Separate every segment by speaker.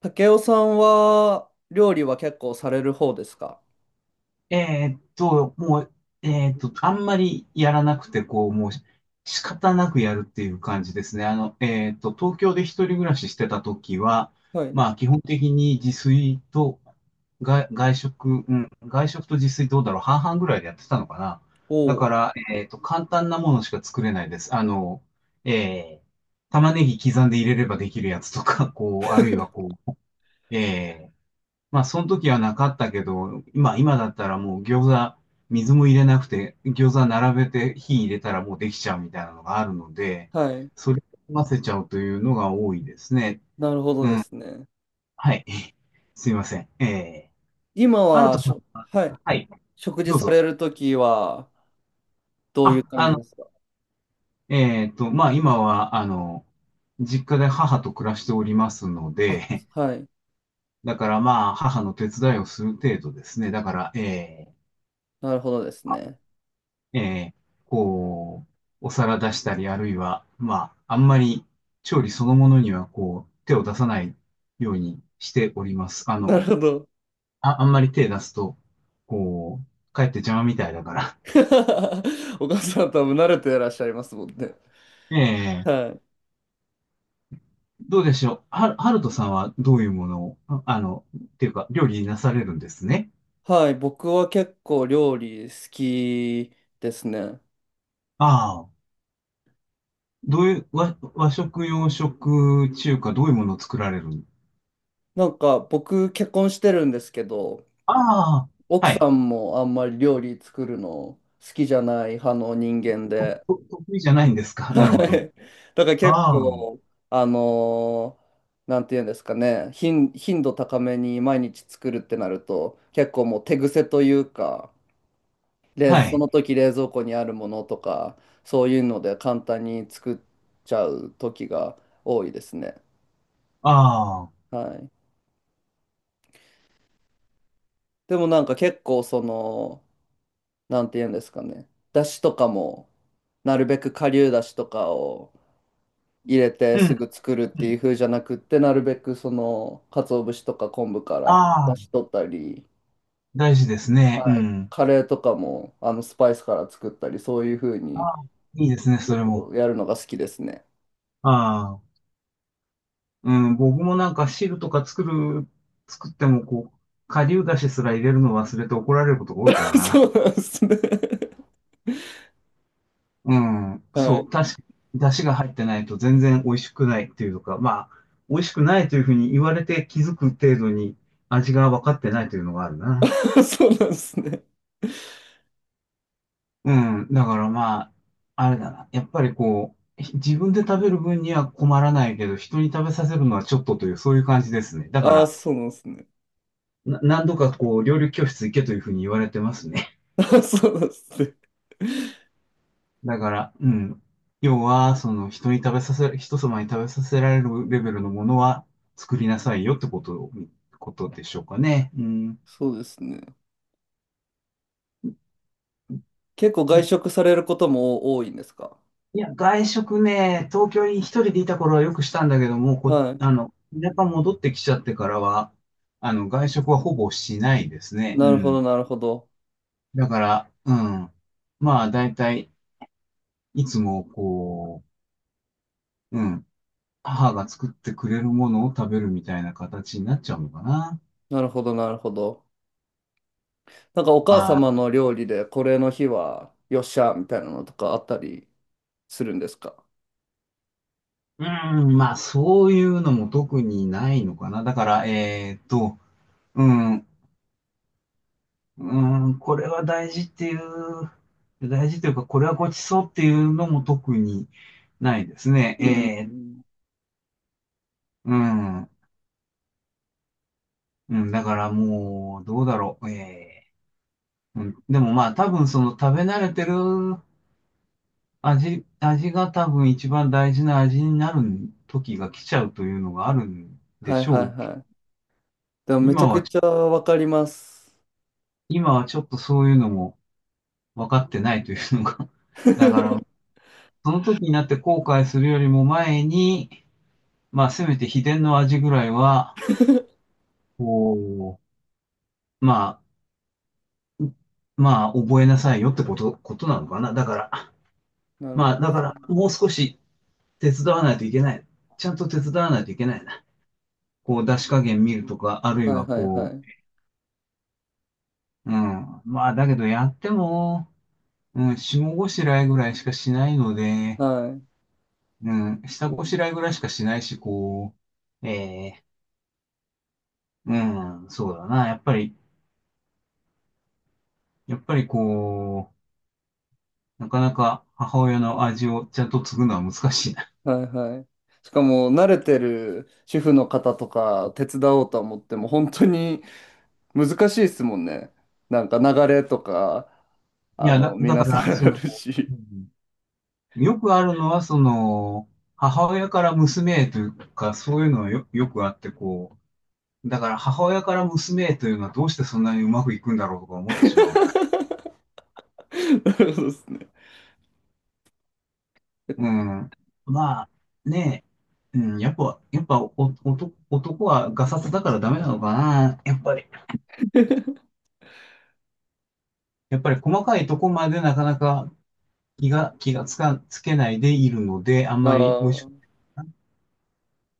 Speaker 1: 竹雄さんは料理は結構される方ですか？
Speaker 2: えーっと、もう、えーっと、あんまりやらなくて、こう、もうし仕方なくやるっていう感じですね。東京で一人暮らししてた時は、
Speaker 1: はい。
Speaker 2: まあ、基本的に自炊と外食、うん、外食と自炊どうだろう、半々ぐらいでやってたのかな。
Speaker 1: お
Speaker 2: だか
Speaker 1: お。
Speaker 2: ら、えーっと、簡単なものしか作れないです。玉ねぎ刻んで入れればできるやつとか、あるいはえーその時はなかったけど、今だったらもう餃子、水も入れなくて、餃子並べて火入れたらもうできちゃうみたいなのがあるので、
Speaker 1: はい。
Speaker 2: それを混ぜちゃうというのが多いですね。
Speaker 1: なるほどですね。
Speaker 2: はい。すいません。
Speaker 1: 今
Speaker 2: ハル
Speaker 1: は
Speaker 2: トさ
Speaker 1: し
Speaker 2: ん
Speaker 1: ょ、
Speaker 2: は、
Speaker 1: はい。
Speaker 2: はい、
Speaker 1: 食事
Speaker 2: どう
Speaker 1: さ
Speaker 2: ぞ。
Speaker 1: れるときはどういう
Speaker 2: あ、
Speaker 1: 感
Speaker 2: あ
Speaker 1: じで
Speaker 2: の、
Speaker 1: すか？
Speaker 2: まあ、今は、実家で母と暮らしておりますの
Speaker 1: あ、
Speaker 2: で、
Speaker 1: はい。
Speaker 2: だからまあ、母の手伝いをする程度ですね。だから、えー
Speaker 1: なるほどですね。
Speaker 2: えーこう、お皿出したり、あるいは、まあ、あんまり調理そのものには、こう、手を出さないようにしております。
Speaker 1: なるほど。
Speaker 2: あんまり手出すと、こう、かえって邪魔みたいだから。
Speaker 1: お母さん多分慣れていらっしゃいますもんね。
Speaker 2: ええ。
Speaker 1: はい。
Speaker 2: どうでしょう。はるとさんはどういうものを、っていうか、料理なされるんですね。
Speaker 1: はい。僕は結構料理好きですね。
Speaker 2: ああ、どういう、和食、洋食、中華、どういうものを作られる。
Speaker 1: なんか僕結婚してるんですけど、
Speaker 2: ああ、
Speaker 1: 奥
Speaker 2: は
Speaker 1: さ
Speaker 2: い。
Speaker 1: んもあんまり料理作るの好きじゃない派の人間で、
Speaker 2: 得意じゃないんですか。
Speaker 1: は
Speaker 2: なるほど。
Speaker 1: い。だから結
Speaker 2: ああ。
Speaker 1: 構、あのーなんていうんですかね、頻度高めに毎日作るってなると、結構もう手癖というか、冷
Speaker 2: は
Speaker 1: そ
Speaker 2: い。
Speaker 1: の時冷蔵庫にあるものとか、そういうので簡単に作っちゃう時が多いですね。
Speaker 2: ああ。
Speaker 1: はい。でもなんか結構その、なんていうんですかね、だしとかも、なるべく顆粒だしとかを入れて
Speaker 2: う
Speaker 1: す
Speaker 2: ん、
Speaker 1: ぐ作るっ
Speaker 2: う
Speaker 1: ていう
Speaker 2: ん。
Speaker 1: 風じゃなくって、なるべくその、鰹節とか昆布から
Speaker 2: あ
Speaker 1: 出し
Speaker 2: あ、
Speaker 1: 取ったり、
Speaker 2: 大事ですね。う
Speaker 1: はい、
Speaker 2: ん。
Speaker 1: カレーとかもあのスパイスから作ったり、そういう風
Speaker 2: あ
Speaker 1: に
Speaker 2: あ、いいですね、そ
Speaker 1: 結
Speaker 2: れも。
Speaker 1: 構やるのが好きですね。
Speaker 2: ああ。うん、僕もなんか汁とか作ってもこう、顆粒だしすら入れるの忘れて怒られることが多いから
Speaker 1: そ
Speaker 2: な。
Speaker 1: うなんですね。
Speaker 2: うん。
Speaker 1: は
Speaker 2: そ
Speaker 1: い。
Speaker 2: う、確かに、だしが入ってないと全然美味しくないっていうか、まあ、美味しくないというふうに言われて気づく程度に味が分かってないというのがあるな。
Speaker 1: そうなんですね。
Speaker 2: うん。だからまあ、あれだな。やっぱりこう、自分で食べる分には困らないけど、人に食べさせるのはちょっとという、そういう感じですね。だか
Speaker 1: ああ、
Speaker 2: ら、
Speaker 1: そうなんですね。
Speaker 2: 何度かこう、料理教室行けというふうに言われてますね。
Speaker 1: あ、そうなんですね。
Speaker 2: だから、うん。要は、その、人様に食べさせられるレベルのものは作りなさいよってこと、ことでしょうかね。うん。
Speaker 1: そうですね。結構外食されることも多いんですか？
Speaker 2: いや、外食ね、東京に一人でいた頃はよくしたんだけども、こ、
Speaker 1: はい。
Speaker 2: あの、田舎戻ってきちゃってからは、あの、外食はほぼしないですね。う
Speaker 1: なるほど、
Speaker 2: ん。
Speaker 1: なるほど。
Speaker 2: だから、うん。まあ、だいたい、いつも、うん。母が作ってくれるものを食べるみたいな形になっちゃうのかな。
Speaker 1: なるほど、なるほど。なんかお母様の料理でこれの日はよっしゃみたいなのとかあったりするんですか？
Speaker 2: うん、まあ、そういうのも特にないのかな。だから、えーっと、うん。うーん、これは大事っていう、大事というか、これはごちそうっていうのも特にないです
Speaker 1: うん。う
Speaker 2: ね。
Speaker 1: ん。
Speaker 2: うん、うん、だからもう、どうだろう。でもまあ、多分その食べ慣れてる味が多分一番大事な味になる時が来ちゃうというのがあるんで
Speaker 1: はい
Speaker 2: し
Speaker 1: はい
Speaker 2: ょうけど。
Speaker 1: はい。でもめち
Speaker 2: 今
Speaker 1: ゃく
Speaker 2: は、
Speaker 1: ちゃわかります。
Speaker 2: 今はちょっとそういうのも分かってないというのが。だから、その時になって後悔するよりも前に、まあ、せめて秘伝の味ぐらいは、こうまあ、まあ、覚えなさいよってこと、ことなのかな。だから、
Speaker 1: なるほ
Speaker 2: ま
Speaker 1: ど
Speaker 2: あ、
Speaker 1: で
Speaker 2: だか
Speaker 1: すね。
Speaker 2: ら、もう少し手伝わないといけない。ちゃんと手伝わないといけないな。こう、出し加減見るとか、あるい
Speaker 1: はい
Speaker 2: は
Speaker 1: はいは
Speaker 2: こ
Speaker 1: い。
Speaker 2: う、うん。まあ、だけどやっても、うん、下ごしらえぐらいしかしないので、
Speaker 1: はい。
Speaker 2: うん、下ごしらえぐらいしかしないし、う、ええうん、そうだな。やっぱりこなかなか母親の味をちゃんと継ぐのは難しいな。
Speaker 1: はいはい。しかも慣れてる主婦の方とか手伝おうと思っても本当に難しいですもんね。なんか流れとか、
Speaker 2: い
Speaker 1: あ
Speaker 2: や、
Speaker 1: の、
Speaker 2: だ
Speaker 1: 皆
Speaker 2: か
Speaker 1: さ
Speaker 2: ら、
Speaker 1: ん
Speaker 2: そ
Speaker 1: ある
Speaker 2: の、う
Speaker 1: し。
Speaker 2: んよくあるのは、その、母親から娘へというか、そういうのはよ、よくあって、だから母親から娘へというのはどうしてそんなにうまくいくんだろうとか思ってしまうな。
Speaker 1: なるほどですね。
Speaker 2: うん。まあ、ねえ、うん、やっぱお、男はガサツだからダメなのかな。やっぱり、やっぱり細かいとこまでなかなか気がつか、つけないでいるので、あん
Speaker 1: あ
Speaker 2: ま
Speaker 1: あ、
Speaker 2: り美味しく、
Speaker 1: は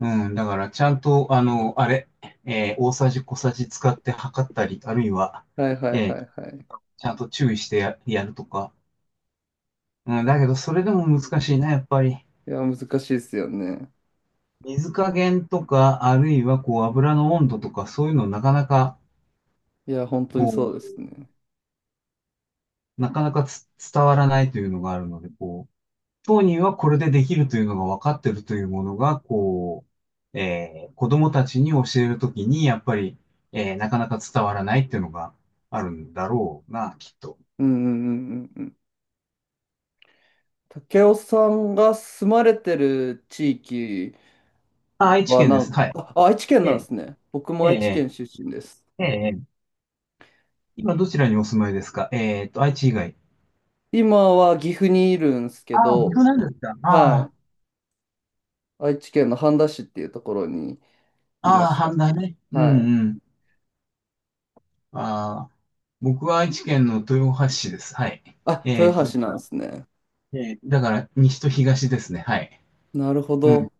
Speaker 2: うん、だからちゃんと、あの、あれ、えー大さじ小さじ使って測ったり、あるいは、
Speaker 1: いはいはい
Speaker 2: え
Speaker 1: は
Speaker 2: ー
Speaker 1: い。
Speaker 2: ちゃんと注意してやるとか。うん、だけど、それでも難しいな、やっぱり。
Speaker 1: いや、難しいですよね。
Speaker 2: 水加減とか、あるいは、こう、油の温度とか、そういうのなかなか、
Speaker 1: いや、本当に
Speaker 2: こ
Speaker 1: そうです
Speaker 2: う、
Speaker 1: ね。
Speaker 2: なかなか伝わらないというのがあるので、こう、当人はこれでできるというのが分かってるというものが、子供たちに教えるときに、やっぱり、なかなか伝わらないっていうのがあるんだろうな、きっと。
Speaker 1: うんうんうんうんうん。竹雄さんが住まれてる地域
Speaker 2: 愛知
Speaker 1: は
Speaker 2: 県
Speaker 1: な
Speaker 2: で
Speaker 1: ん
Speaker 2: す。はい。
Speaker 1: か、あ、愛知県
Speaker 2: え
Speaker 1: なんで
Speaker 2: え、
Speaker 1: すね。僕
Speaker 2: え
Speaker 1: も愛知
Speaker 2: え、
Speaker 1: 県出身です。
Speaker 2: ええ、今どちらにお住まいですか？えーっと、愛知以外。
Speaker 1: 今は岐阜にいるんですけ
Speaker 2: ああ、
Speaker 1: ど、
Speaker 2: 僕なんですか？
Speaker 1: は
Speaker 2: あ
Speaker 1: い。愛知県の半田市っていうところに
Speaker 2: あ、
Speaker 1: いま
Speaker 2: ああ、
Speaker 1: した。
Speaker 2: 半田ね。う
Speaker 1: はい。
Speaker 2: んうん。ああ、僕は愛知県の豊橋市です。はい。
Speaker 1: あ、豊橋なん
Speaker 2: だ
Speaker 1: で
Speaker 2: か
Speaker 1: すね。
Speaker 2: ら、だから西と東ですね。はい。
Speaker 1: なるほ
Speaker 2: うん、
Speaker 1: ど。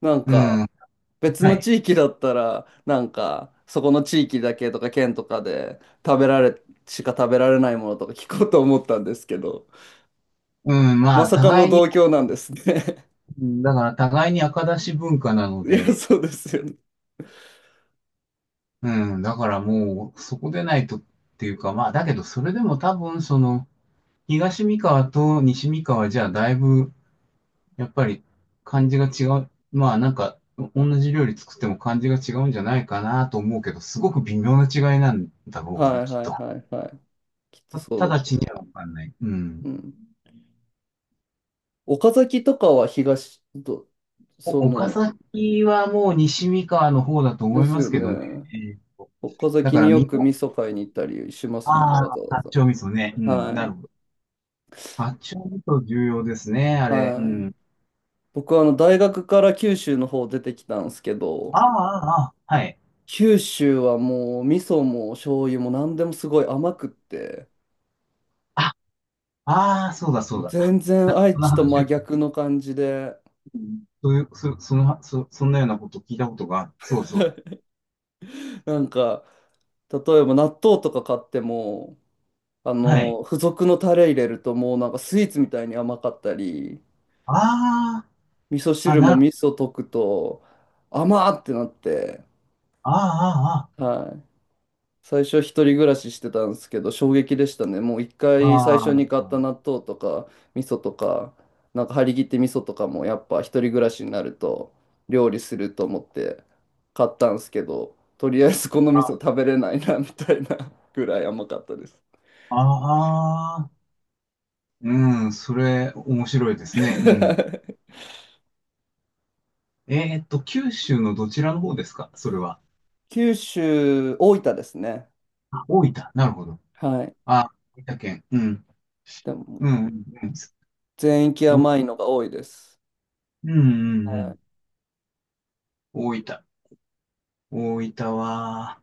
Speaker 1: なん
Speaker 2: う
Speaker 1: か、
Speaker 2: ん、
Speaker 1: 別
Speaker 2: は
Speaker 1: の
Speaker 2: い。
Speaker 1: 地域だったら、なんか、そこの地域だけとか県とかで食べられ、しか食べられないものとか 聞こうと思ったんですけど、
Speaker 2: うん、
Speaker 1: ま
Speaker 2: まあ、
Speaker 1: さかの
Speaker 2: 互いに、
Speaker 1: 同郷なんですね。
Speaker 2: だから互いに赤出し文化なの
Speaker 1: いや、
Speaker 2: で、
Speaker 1: そうですよね。
Speaker 2: うん、だからもう、そこでないとっていうか、まあ、だけど、それでも多分、その、東三河と西三河じゃ、だいぶ、やっぱり、感じが違う。まあ、なんか、同じ料理作っても感じが違うんじゃないかなと思うけど、すごく微妙な違いなんだろうな、
Speaker 1: はい
Speaker 2: きっ
Speaker 1: はい
Speaker 2: と。
Speaker 1: はいはい。きっとそう
Speaker 2: 直
Speaker 1: だ
Speaker 2: ち
Speaker 1: と。
Speaker 2: にはわかんない。う
Speaker 1: う
Speaker 2: ん。
Speaker 1: ん。岡崎とかは東ど、
Speaker 2: お
Speaker 1: そ
Speaker 2: 岡
Speaker 1: の、
Speaker 2: 崎はもう西三河の方だと
Speaker 1: で
Speaker 2: 思い
Speaker 1: す
Speaker 2: ま
Speaker 1: よ
Speaker 2: すけ
Speaker 1: ね。
Speaker 2: どね。えーと
Speaker 1: 岡
Speaker 2: だ
Speaker 1: 崎
Speaker 2: か
Speaker 1: に
Speaker 2: ら
Speaker 1: よ
Speaker 2: 三
Speaker 1: く
Speaker 2: 河
Speaker 1: 味噌買いに行ったりしますもんね、
Speaker 2: あ
Speaker 1: わ
Speaker 2: あ、
Speaker 1: ざわ
Speaker 2: 八丁味噌ね。う
Speaker 1: ざ。
Speaker 2: ん、
Speaker 1: は
Speaker 2: なる
Speaker 1: い。
Speaker 2: ほど。八丁味噌重要ですね、あれ。う
Speaker 1: はい。
Speaker 2: ん。
Speaker 1: 僕はあの大学から九州の方出てきたんですけ
Speaker 2: あ
Speaker 1: ど、
Speaker 2: あ、ああ、ああはい。
Speaker 1: 九州はもう味噌も醤油も何でもすごい甘くって、
Speaker 2: あ、ああ、そうだ、そ
Speaker 1: も
Speaker 2: う
Speaker 1: う
Speaker 2: だ。
Speaker 1: 全
Speaker 2: な
Speaker 1: 然
Speaker 2: んか、
Speaker 1: 愛
Speaker 2: その
Speaker 1: 知と
Speaker 2: 話
Speaker 1: 真
Speaker 2: を、
Speaker 1: 逆の感じで、
Speaker 2: うんそういう、そんなようなこと聞いたことがある。そう、そうだ。
Speaker 1: なんか例えば納豆とか買っても、あ
Speaker 2: はい。
Speaker 1: の付属のタレ入れるともうなんかスイーツみたいに甘かったり、
Speaker 2: あ
Speaker 1: 味噌
Speaker 2: あ、
Speaker 1: 汁も味噌溶くと甘ーってなって。
Speaker 2: ああ、
Speaker 1: はい。最初一人暮らししてたんですけど、衝撃でしたね。もう一
Speaker 2: あ
Speaker 1: 回最初
Speaker 2: あ、
Speaker 1: に買った
Speaker 2: あ
Speaker 1: 納豆とか、味噌とか、なんか張り切って味噌とかもやっぱ一人暮らしになると料理すると思って買ったんですけど、とりあえずこの味噌
Speaker 2: あ、
Speaker 1: 食べれないなみたいなぐらい甘かったです。
Speaker 2: ああ、うん、それ、面白いですね。うん。えーっと、九州のどちらの方ですか？それは。
Speaker 1: 九州、大分ですね。
Speaker 2: あ、大分。なるほど。
Speaker 1: はい。
Speaker 2: あ、大分県。うん。
Speaker 1: でも
Speaker 2: うん、うん、うん。
Speaker 1: 全域
Speaker 2: うん
Speaker 1: 甘いのが多いです。
Speaker 2: うんう
Speaker 1: はい。
Speaker 2: ん。大分。大分は、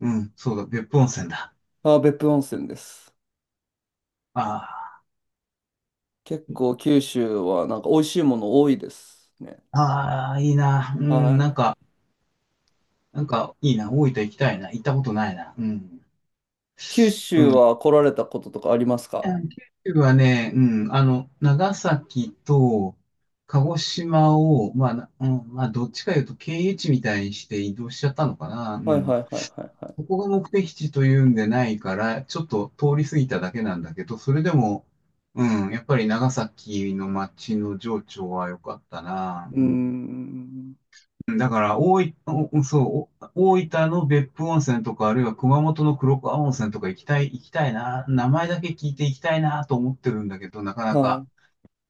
Speaker 2: うん、そうだ、別府温泉だ。
Speaker 1: あ、別府温泉です。
Speaker 2: あ
Speaker 1: 結構九州はなんか美味しいもの多いですね。
Speaker 2: あ、ああ、いいな。うん、なん
Speaker 1: あ、
Speaker 2: か、なんか、いいな。大分行きたいな。行ったことないな。うん。
Speaker 1: 九
Speaker 2: う
Speaker 1: 州
Speaker 2: ん。
Speaker 1: は来られたこととかありますか？
Speaker 2: 九州はね、うん、あの、長崎と鹿児島を、まあ、なうん、まあ、どっちかいうと経由地みたいにして移動しちゃったのかな。う
Speaker 1: はい
Speaker 2: ん。
Speaker 1: はいはいはいはい。
Speaker 2: ここが目的地というんでないから、ちょっと通り過ぎただけなんだけど、それでも、うん、やっぱり長崎の街の情緒は良かったな。
Speaker 1: う
Speaker 2: う
Speaker 1: ー
Speaker 2: ん。
Speaker 1: ん。
Speaker 2: だから、大分、おそう、お大分の別府温泉とか、あるいは熊本の黒川温泉とか行きたいな。名前だけ聞いて行きたいなと思ってるんだけど、なかな
Speaker 1: は
Speaker 2: か
Speaker 1: い。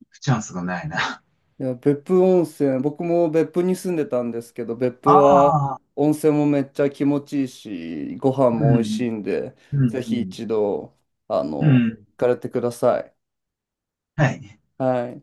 Speaker 2: 行くチャンスがないな。
Speaker 1: いや、別府温泉、僕も別府に住んでたんですけど、別府は
Speaker 2: ああ、
Speaker 1: 温泉もめっちゃ気持ちいいし、ご飯
Speaker 2: う
Speaker 1: も美味
Speaker 2: ん、
Speaker 1: しいんで、
Speaker 2: う
Speaker 1: ぜ
Speaker 2: ん、う
Speaker 1: ひ
Speaker 2: ん、
Speaker 1: 一度、あの、
Speaker 2: うん。
Speaker 1: 行かれてください。
Speaker 2: はい。
Speaker 1: はい。